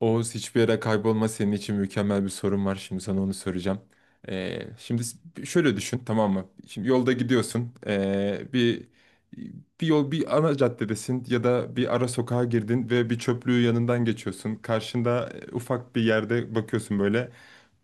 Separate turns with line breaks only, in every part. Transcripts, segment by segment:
Oğuz, hiçbir yere kaybolma, senin için mükemmel bir sorun var. Şimdi sana onu soracağım. Şimdi şöyle düşün, tamam mı? Şimdi yolda gidiyorsun. Bir yol, bir ana caddedesin ya da bir ara sokağa girdin ve bir çöplüğü yanından geçiyorsun. Karşında ufak bir yerde bakıyorsun böyle.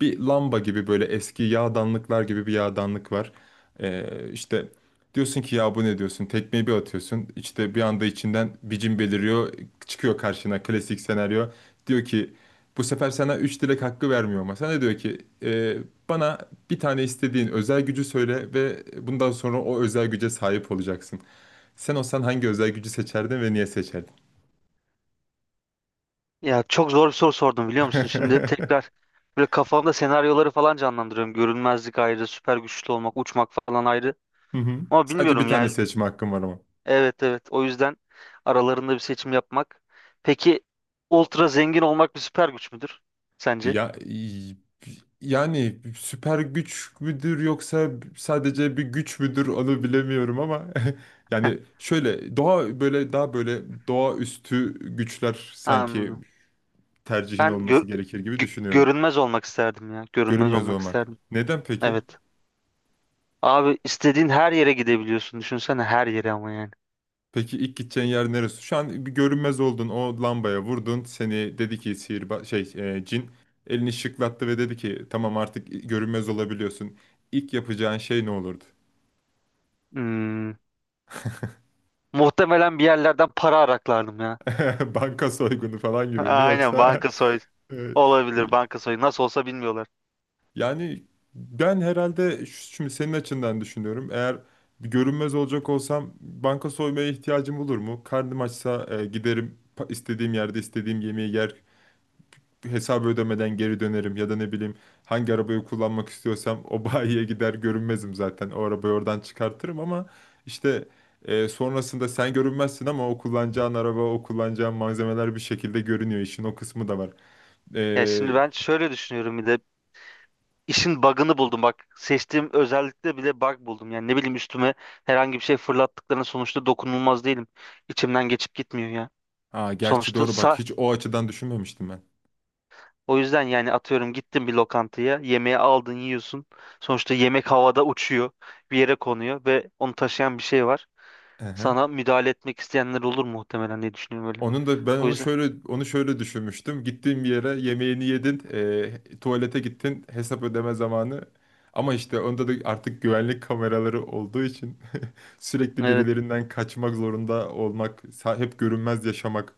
Bir lamba gibi, böyle eski yağdanlıklar gibi bir yağdanlık var. İşte diyorsun ki, ya bu ne, diyorsun? Tekmeyi bir atıyorsun. İşte bir anda içinden bir cin beliriyor. Çıkıyor karşına klasik senaryo. Diyor ki bu sefer sana üç dilek hakkı vermiyor, ama sana diyor ki: Bana bir tane istediğin özel gücü söyle ve bundan sonra o özel güce sahip olacaksın. Sen olsan hangi özel gücü seçerdin ve niye seçerdin?"
Ya çok zor bir soru sordum biliyor musun? Şimdi tekrar böyle kafamda senaryoları falan canlandırıyorum. Görünmezlik ayrı, süper güçlü olmak, uçmak falan ayrı.
Hı hı.
Ama
Sadece bir
bilmiyorum
tane
yani.
seçme hakkım var ama.
Evet evet. O yüzden aralarında bir seçim yapmak. Peki ultra zengin olmak bir süper güç müdür sence?
Ya yani süper güç müdür yoksa sadece bir güç müdür, onu bilemiyorum ama yani şöyle doğa, böyle daha böyle doğaüstü güçler sanki
Anladım.
tercihin
Ben gör-
olması gerekir gibi düşünüyorum.
Görünmez olmak isterdim ya. Görünmez
Görünmez
olmak
olmak.
isterdim.
Neden peki?
Evet. Abi istediğin her yere gidebiliyorsun. Düşünsene her yere ama yani.
Peki ilk gideceğin yer neresi? Şu an bir görünmez oldun, o lambaya vurdun. Seni dedi ki sihirba şey, cin elini şıklattı ve dedi ki tamam, artık görünmez olabiliyorsun. İlk yapacağın şey ne olurdu?
Hmm. Muhtemelen bir yerlerden para araklardım ya.
Banka soygunu falan gibi mi
Aynen
yoksa?
banka soy
e,
Olabilir, banka soyu nasıl olsa bilmiyorlar.
Yani ben herhalde, şimdi senin açından düşünüyorum. Eğer bir görünmez olacak olsam banka soymaya ihtiyacım olur mu? Karnım açsa giderim, istediğim yerde istediğim yemeği yer. Hesabı ödemeden geri dönerim ya da ne bileyim, hangi arabayı kullanmak istiyorsam o bayiye gider, görünmezim zaten. O arabayı oradan çıkartırım ama işte sonrasında sen görünmezsin ama o kullanacağın araba, o kullanacağın malzemeler bir şekilde görünüyor. İşin o kısmı da var.
Ya şimdi
E,
ben şöyle düşünüyorum bir de işin bug'ını buldum, bak seçtiğim özellikle bile bug buldum. Yani ne bileyim, üstüme herhangi bir şey fırlattıklarına sonuçta dokunulmaz değilim. İçimden geçip gitmiyor ya.
gerçi
Sonuçta
doğru bak,
sa
hiç o açıdan düşünmemiştim ben.
O yüzden yani atıyorum gittin bir lokantaya, yemeği aldın, yiyorsun. Sonuçta yemek havada uçuyor, bir yere konuyor ve onu taşıyan bir şey var.
Aha.
Sana müdahale etmek isteyenler olur muhtemelen diye düşünüyorum öyle.
Onun da ben
O
onu
yüzden
şöyle onu şöyle düşünmüştüm. Gittiğin bir yere yemeğini yedin, tuvalete gittin, hesap ödeme zamanı. Ama işte onda da artık güvenlik kameraları olduğu için sürekli
evet,
birilerinden kaçmak zorunda olmak, hep görünmez yaşamak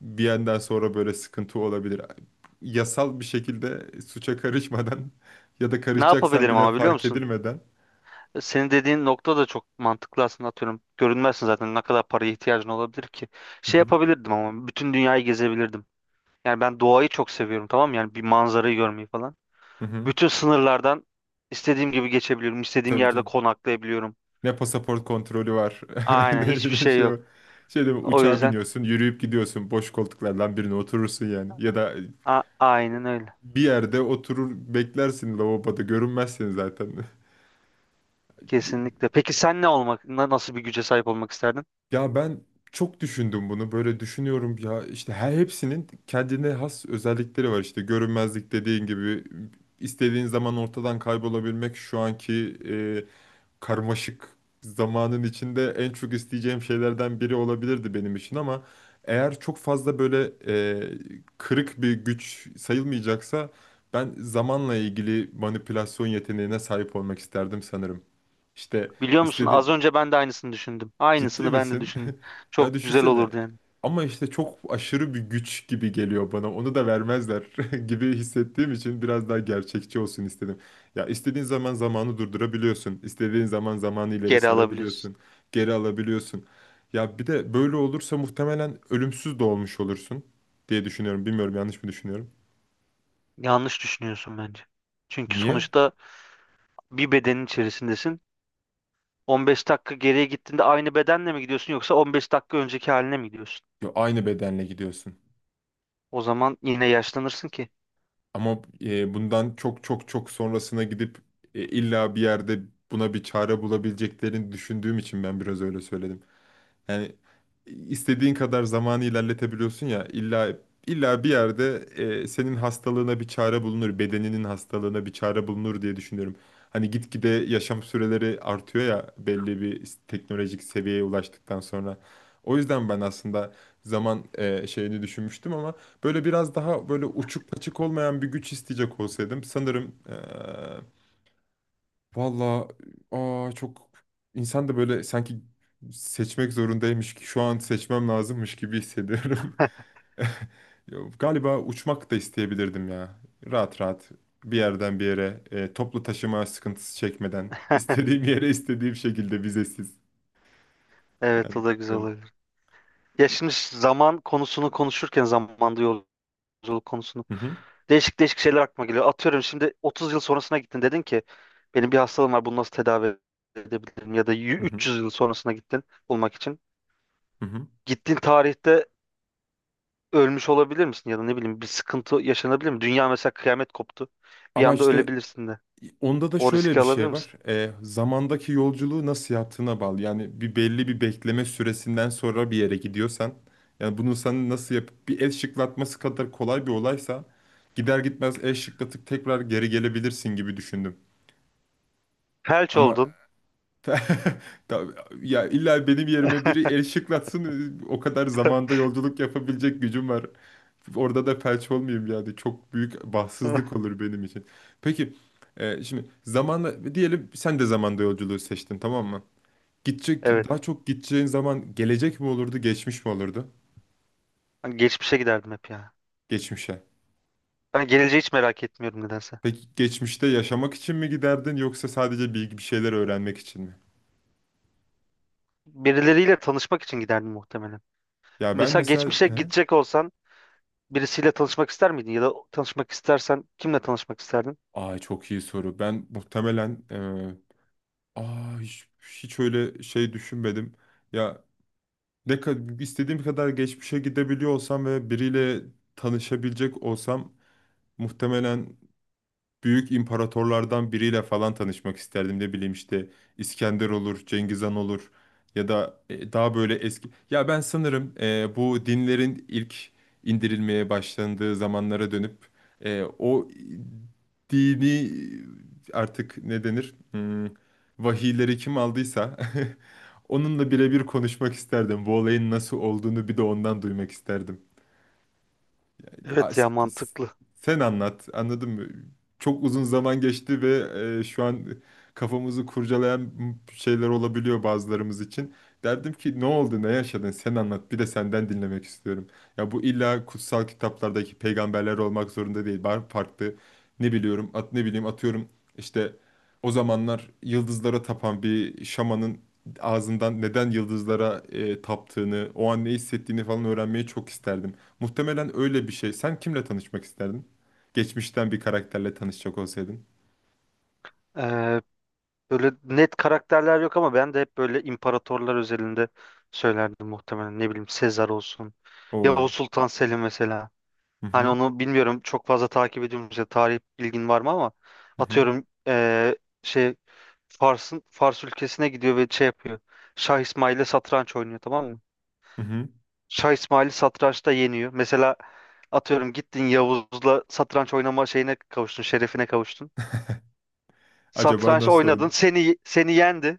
bir yandan sonra böyle sıkıntı olabilir. Yasal bir şekilde suça karışmadan ya da
ne
karışacaksan
yapabilirim
bile
ama biliyor
fark
musun?
edilmeden.
Senin dediğin nokta da çok mantıklı aslında, atıyorum. Görünmezsin zaten, ne kadar paraya ihtiyacın olabilir ki.
Hı
Şey
hı.
yapabilirdim ama, bütün dünyayı gezebilirdim. Yani ben doğayı çok seviyorum tamam mı? Yani bir manzarayı görmeyi falan.
Hı hı.
Bütün sınırlardan istediğim gibi geçebiliyorum. İstediğim
Tabii
yerde
canım.
konaklayabiliyorum.
Ne pasaport kontrolü var.
Aynen hiçbir
Ne
şey
şey
yok.
var. Şey de,
O
uçağa
yüzden
biniyorsun, yürüyüp gidiyorsun. Boş koltuklardan birine oturursun yani. Ya da
aynen öyle.
bir yerde oturur beklersin, lavaboda görünmezsin zaten.
Kesinlikle. Peki sen ne olmak, nasıl bir güce sahip olmak isterdin?
Ya ben çok düşündüm bunu. Böyle düşünüyorum ya, işte hepsinin kendine has özellikleri var. İşte görünmezlik dediğin gibi, istediğin zaman ortadan kaybolabilmek şu anki karmaşık zamanın içinde en çok isteyeceğim şeylerden biri olabilirdi benim için ama eğer çok fazla böyle kırık bir güç sayılmayacaksa, ben zamanla ilgili manipülasyon yeteneğine sahip olmak isterdim sanırım. İşte
Biliyor musun, az
istediğim...
önce ben de aynısını düşündüm.
Ciddi
Aynısını ben de
misin?
düşündüm.
Ya
Çok güzel
düşünsene.
olurdu yani.
Ama işte çok aşırı bir güç gibi geliyor bana. Onu da vermezler gibi hissettiğim için biraz daha gerçekçi olsun istedim. Ya istediğin zaman zamanı durdurabiliyorsun. İstediğin zaman zamanı ileri
Geri alabiliriz.
sarabiliyorsun. Geri alabiliyorsun. Ya bir de böyle olursa muhtemelen ölümsüz de olmuş olursun diye düşünüyorum. Bilmiyorum, yanlış mı düşünüyorum?
Yanlış düşünüyorsun bence. Çünkü
Niye?
sonuçta bir bedenin içerisindesin. 15 dakika geriye gittiğinde aynı bedenle mi gidiyorsun yoksa 15 dakika önceki haline mi gidiyorsun?
Ya aynı bedenle gidiyorsun.
O zaman yine yaşlanırsın ki.
Ama bundan çok çok çok sonrasına gidip illa bir yerde buna bir çare bulabileceklerini düşündüğüm için ben biraz öyle söyledim. Yani istediğin kadar zamanı ilerletebiliyorsun ya, illa bir yerde senin hastalığına bir çare bulunur, bedeninin hastalığına bir çare bulunur diye düşünüyorum. Hani gitgide yaşam süreleri artıyor ya, belli bir teknolojik seviyeye ulaştıktan sonra. O yüzden ben aslında zaman şeyini düşünmüştüm ama böyle biraz daha böyle uçuk kaçık olmayan bir güç isteyecek olsaydım sanırım... e, Valla, çok insan da böyle sanki seçmek zorundaymış ki şu an seçmem lazımmış gibi hissediyorum. Ya, galiba uçmak da isteyebilirdim ya. Rahat rahat bir yerden bir yere, toplu taşıma sıkıntısı çekmeden istediğim yere istediğim şekilde, vizesiz.
Evet,
Yani
o da güzel
bilmiyorum.
olabilir. Ya şimdi zaman konusunu konuşurken zamanda yolculuk konusunu,
Hı hı,
değişik değişik şeyler aklıma geliyor. Atıyorum şimdi 30 yıl sonrasına gittin, dedin ki benim bir hastalığım var, bunu nasıl tedavi edebilirim? Ya da
hı hı,
300 yıl sonrasına gittin bulmak için.
hı hı.
Gittiğin tarihte ölmüş olabilir misin ya da ne bileyim bir sıkıntı yaşanabilir mi? Dünya mesela, kıyamet koptu. Bir
Ama
anda
işte...
ölebilirsin de.
Onda da
O
şöyle
riski
bir
alabilir
şey var.
misin?
Zamandaki yolculuğu nasıl yaptığına bağlı. Yani bir belli bir bekleme süresinden sonra bir yere gidiyorsan, yani bunu sen nasıl yapıp, bir el şıklatması kadar kolay bir olaysa gider gitmez el şıklatıp tekrar geri gelebilirsin gibi düşündüm.
Felç
Ama
oldun.
ta- ya illa benim yerime biri el şıklatsın, o kadar zamanda yolculuk yapabilecek gücüm var. Orada da felç olmayayım yani. Çok büyük bahtsızlık olur benim için. Peki şimdi zamanla diyelim, sen de zamanda yolculuğu seçtin, tamam mı? Gidecek, daha
Evet.
çok gideceğin zaman gelecek mi olurdu, geçmiş mi olurdu?
Ben geçmişe giderdim hep ya.
Geçmişe.
Ben geleceği hiç merak etmiyorum nedense.
Peki geçmişte yaşamak için mi giderdin yoksa sadece bilgi, bir şeyler öğrenmek için mi?
Birileriyle tanışmak için giderdim muhtemelen.
Ya ben
Mesela
mesela
geçmişe
he?
gidecek olsan, birisiyle tanışmak ister miydin? Ya da tanışmak istersen kimle tanışmak isterdin?
Aa, çok iyi soru. Ben muhtemelen, e, aa hiç öyle şey düşünmedim. Ya, ne kadar istediğim kadar geçmişe gidebiliyor olsam ve biriyle tanışabilecek olsam, muhtemelen büyük imparatorlardan biriyle falan tanışmak isterdim. Ne bileyim, işte İskender olur, Cengiz Han olur ya da daha böyle eski. Ya ben sanırım bu dinlerin ilk indirilmeye başlandığı zamanlara dönüp o dini artık ne denir? Hmm, vahiyleri kim aldıysa onunla birebir konuşmak isterdim. Bu olayın nasıl olduğunu bir de ondan duymak isterdim.
Evet
as-
ya, mantıklı.
Sen anlat. Anladın mı? Çok uzun zaman geçti ve şu an kafamızı kurcalayan şeyler olabiliyor bazılarımız için. Derdim ki ne oldu, ne yaşadın? Sen anlat. Bir de senden dinlemek istiyorum. Ya bu illa kutsal kitaplardaki peygamberler olmak zorunda değil. Var farklı, ne biliyorum, ne bileyim atıyorum, işte o zamanlar yıldızlara tapan bir şamanın ağzından neden yıldızlara taptığını, o an ne hissettiğini falan öğrenmeyi çok isterdim. Muhtemelen öyle bir şey. Sen kimle tanışmak isterdin? Geçmişten bir karakterle tanışacak olsaydın.
Ee, Böyle net karakterler yok ama ben de hep böyle imparatorlar özelinde söylerdim muhtemelen. Ne bileyim, Sezar olsun. Yavuz
Oo.
Sultan Selim mesela.
Hı
Hani
hı.
onu bilmiyorum, çok fazla takip ediyorum. Mesela tarih bilgin var mı ama
Hı hı.
atıyorum şey, Fars ülkesine gidiyor ve şey yapıyor. Şah İsmail'le satranç oynuyor tamam mı?
Hı hı.
Şah İsmail'i satrançta yeniyor. Mesela atıyorum gittin Yavuz'la satranç oynama şeyine kavuştun, şerefine kavuştun.
Acaba
Satranç
nasıl
oynadın,
oldu?
seni yendi.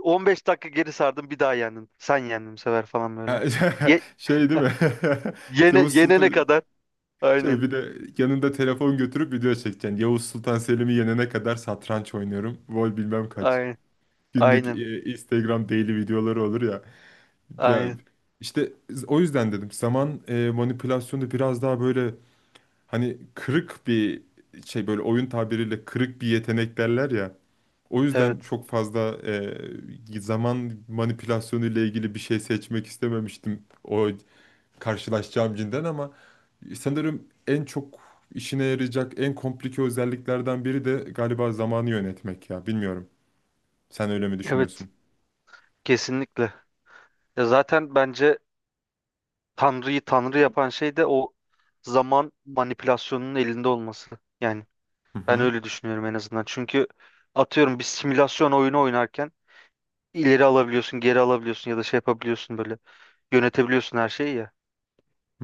15 dakika geri sardım, bir daha yendin. Sen yendin bu sefer falan böyle.
Ha,
Ye
şey değil mi?
Yene
Yavuz
yenene
Sultan...
kadar.
Şey,
Aynen.
bir de yanında telefon götürüp video çekeceksin. Yavuz Sultan Selim'i yenene kadar satranç oynuyorum. Vol bilmem kaç.
Aynen.
Günlük
Aynen.
Instagram daily videoları olur ya. Ya
Aynen.
işte, o yüzden dedim zaman manipülasyonu biraz daha böyle... Hani kırık bir şey, böyle oyun tabiriyle kırık bir yetenek derler ya. O yüzden
Evet.
çok fazla zaman manipülasyonu ile ilgili bir şey seçmek istememiştim, o karşılaşacağım cinden. Ama sanırım en çok işine yarayacak en komplike özelliklerden biri de galiba zamanı yönetmek ya. Bilmiyorum. Sen öyle mi
Evet.
düşünüyorsun?
Kesinlikle. Ya zaten bence Tanrı'yı Tanrı yapan şey de o zaman manipülasyonunun elinde olması. Yani
Hı
ben
hı.
öyle düşünüyorum en azından. Çünkü atıyorum bir simülasyon oyunu oynarken ileri alabiliyorsun, geri alabiliyorsun ya da şey yapabiliyorsun böyle. Yönetebiliyorsun her şeyi ya.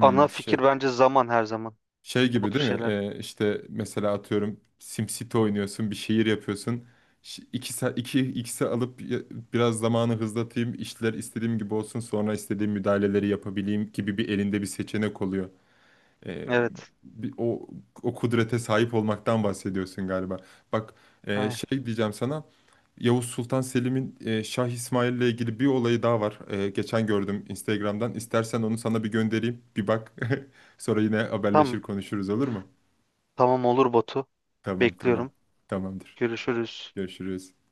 Ana fikir
şey.
bence zaman, her zaman.
Şey
O
gibi
tür
değil mi?
şeyler.
İşte mesela atıyorum SimCity oynuyorsun, bir şehir yapıyorsun. İki, iki, ikisi alıp biraz zamanı hızlatayım, işler istediğim gibi olsun, sonra istediğim müdahaleleri yapabileyim gibi bir elinde bir seçenek oluyor. Ee,
Evet.
bir, o, o kudrete sahip olmaktan bahsediyorsun galiba. Bak,
Aynen.
şey diyeceğim sana, Yavuz Sultan Selim'in Şah İsmail ile ilgili bir olayı daha var. Geçen gördüm Instagram'dan. İstersen onu sana bir göndereyim, bir bak. Sonra yine
Tamam.
haberleşir konuşuruz, olur mu?
Tamam olur Batu.
Tamam.
Bekliyorum.
Tamamdır.
Görüşürüz.
Görüşürüz.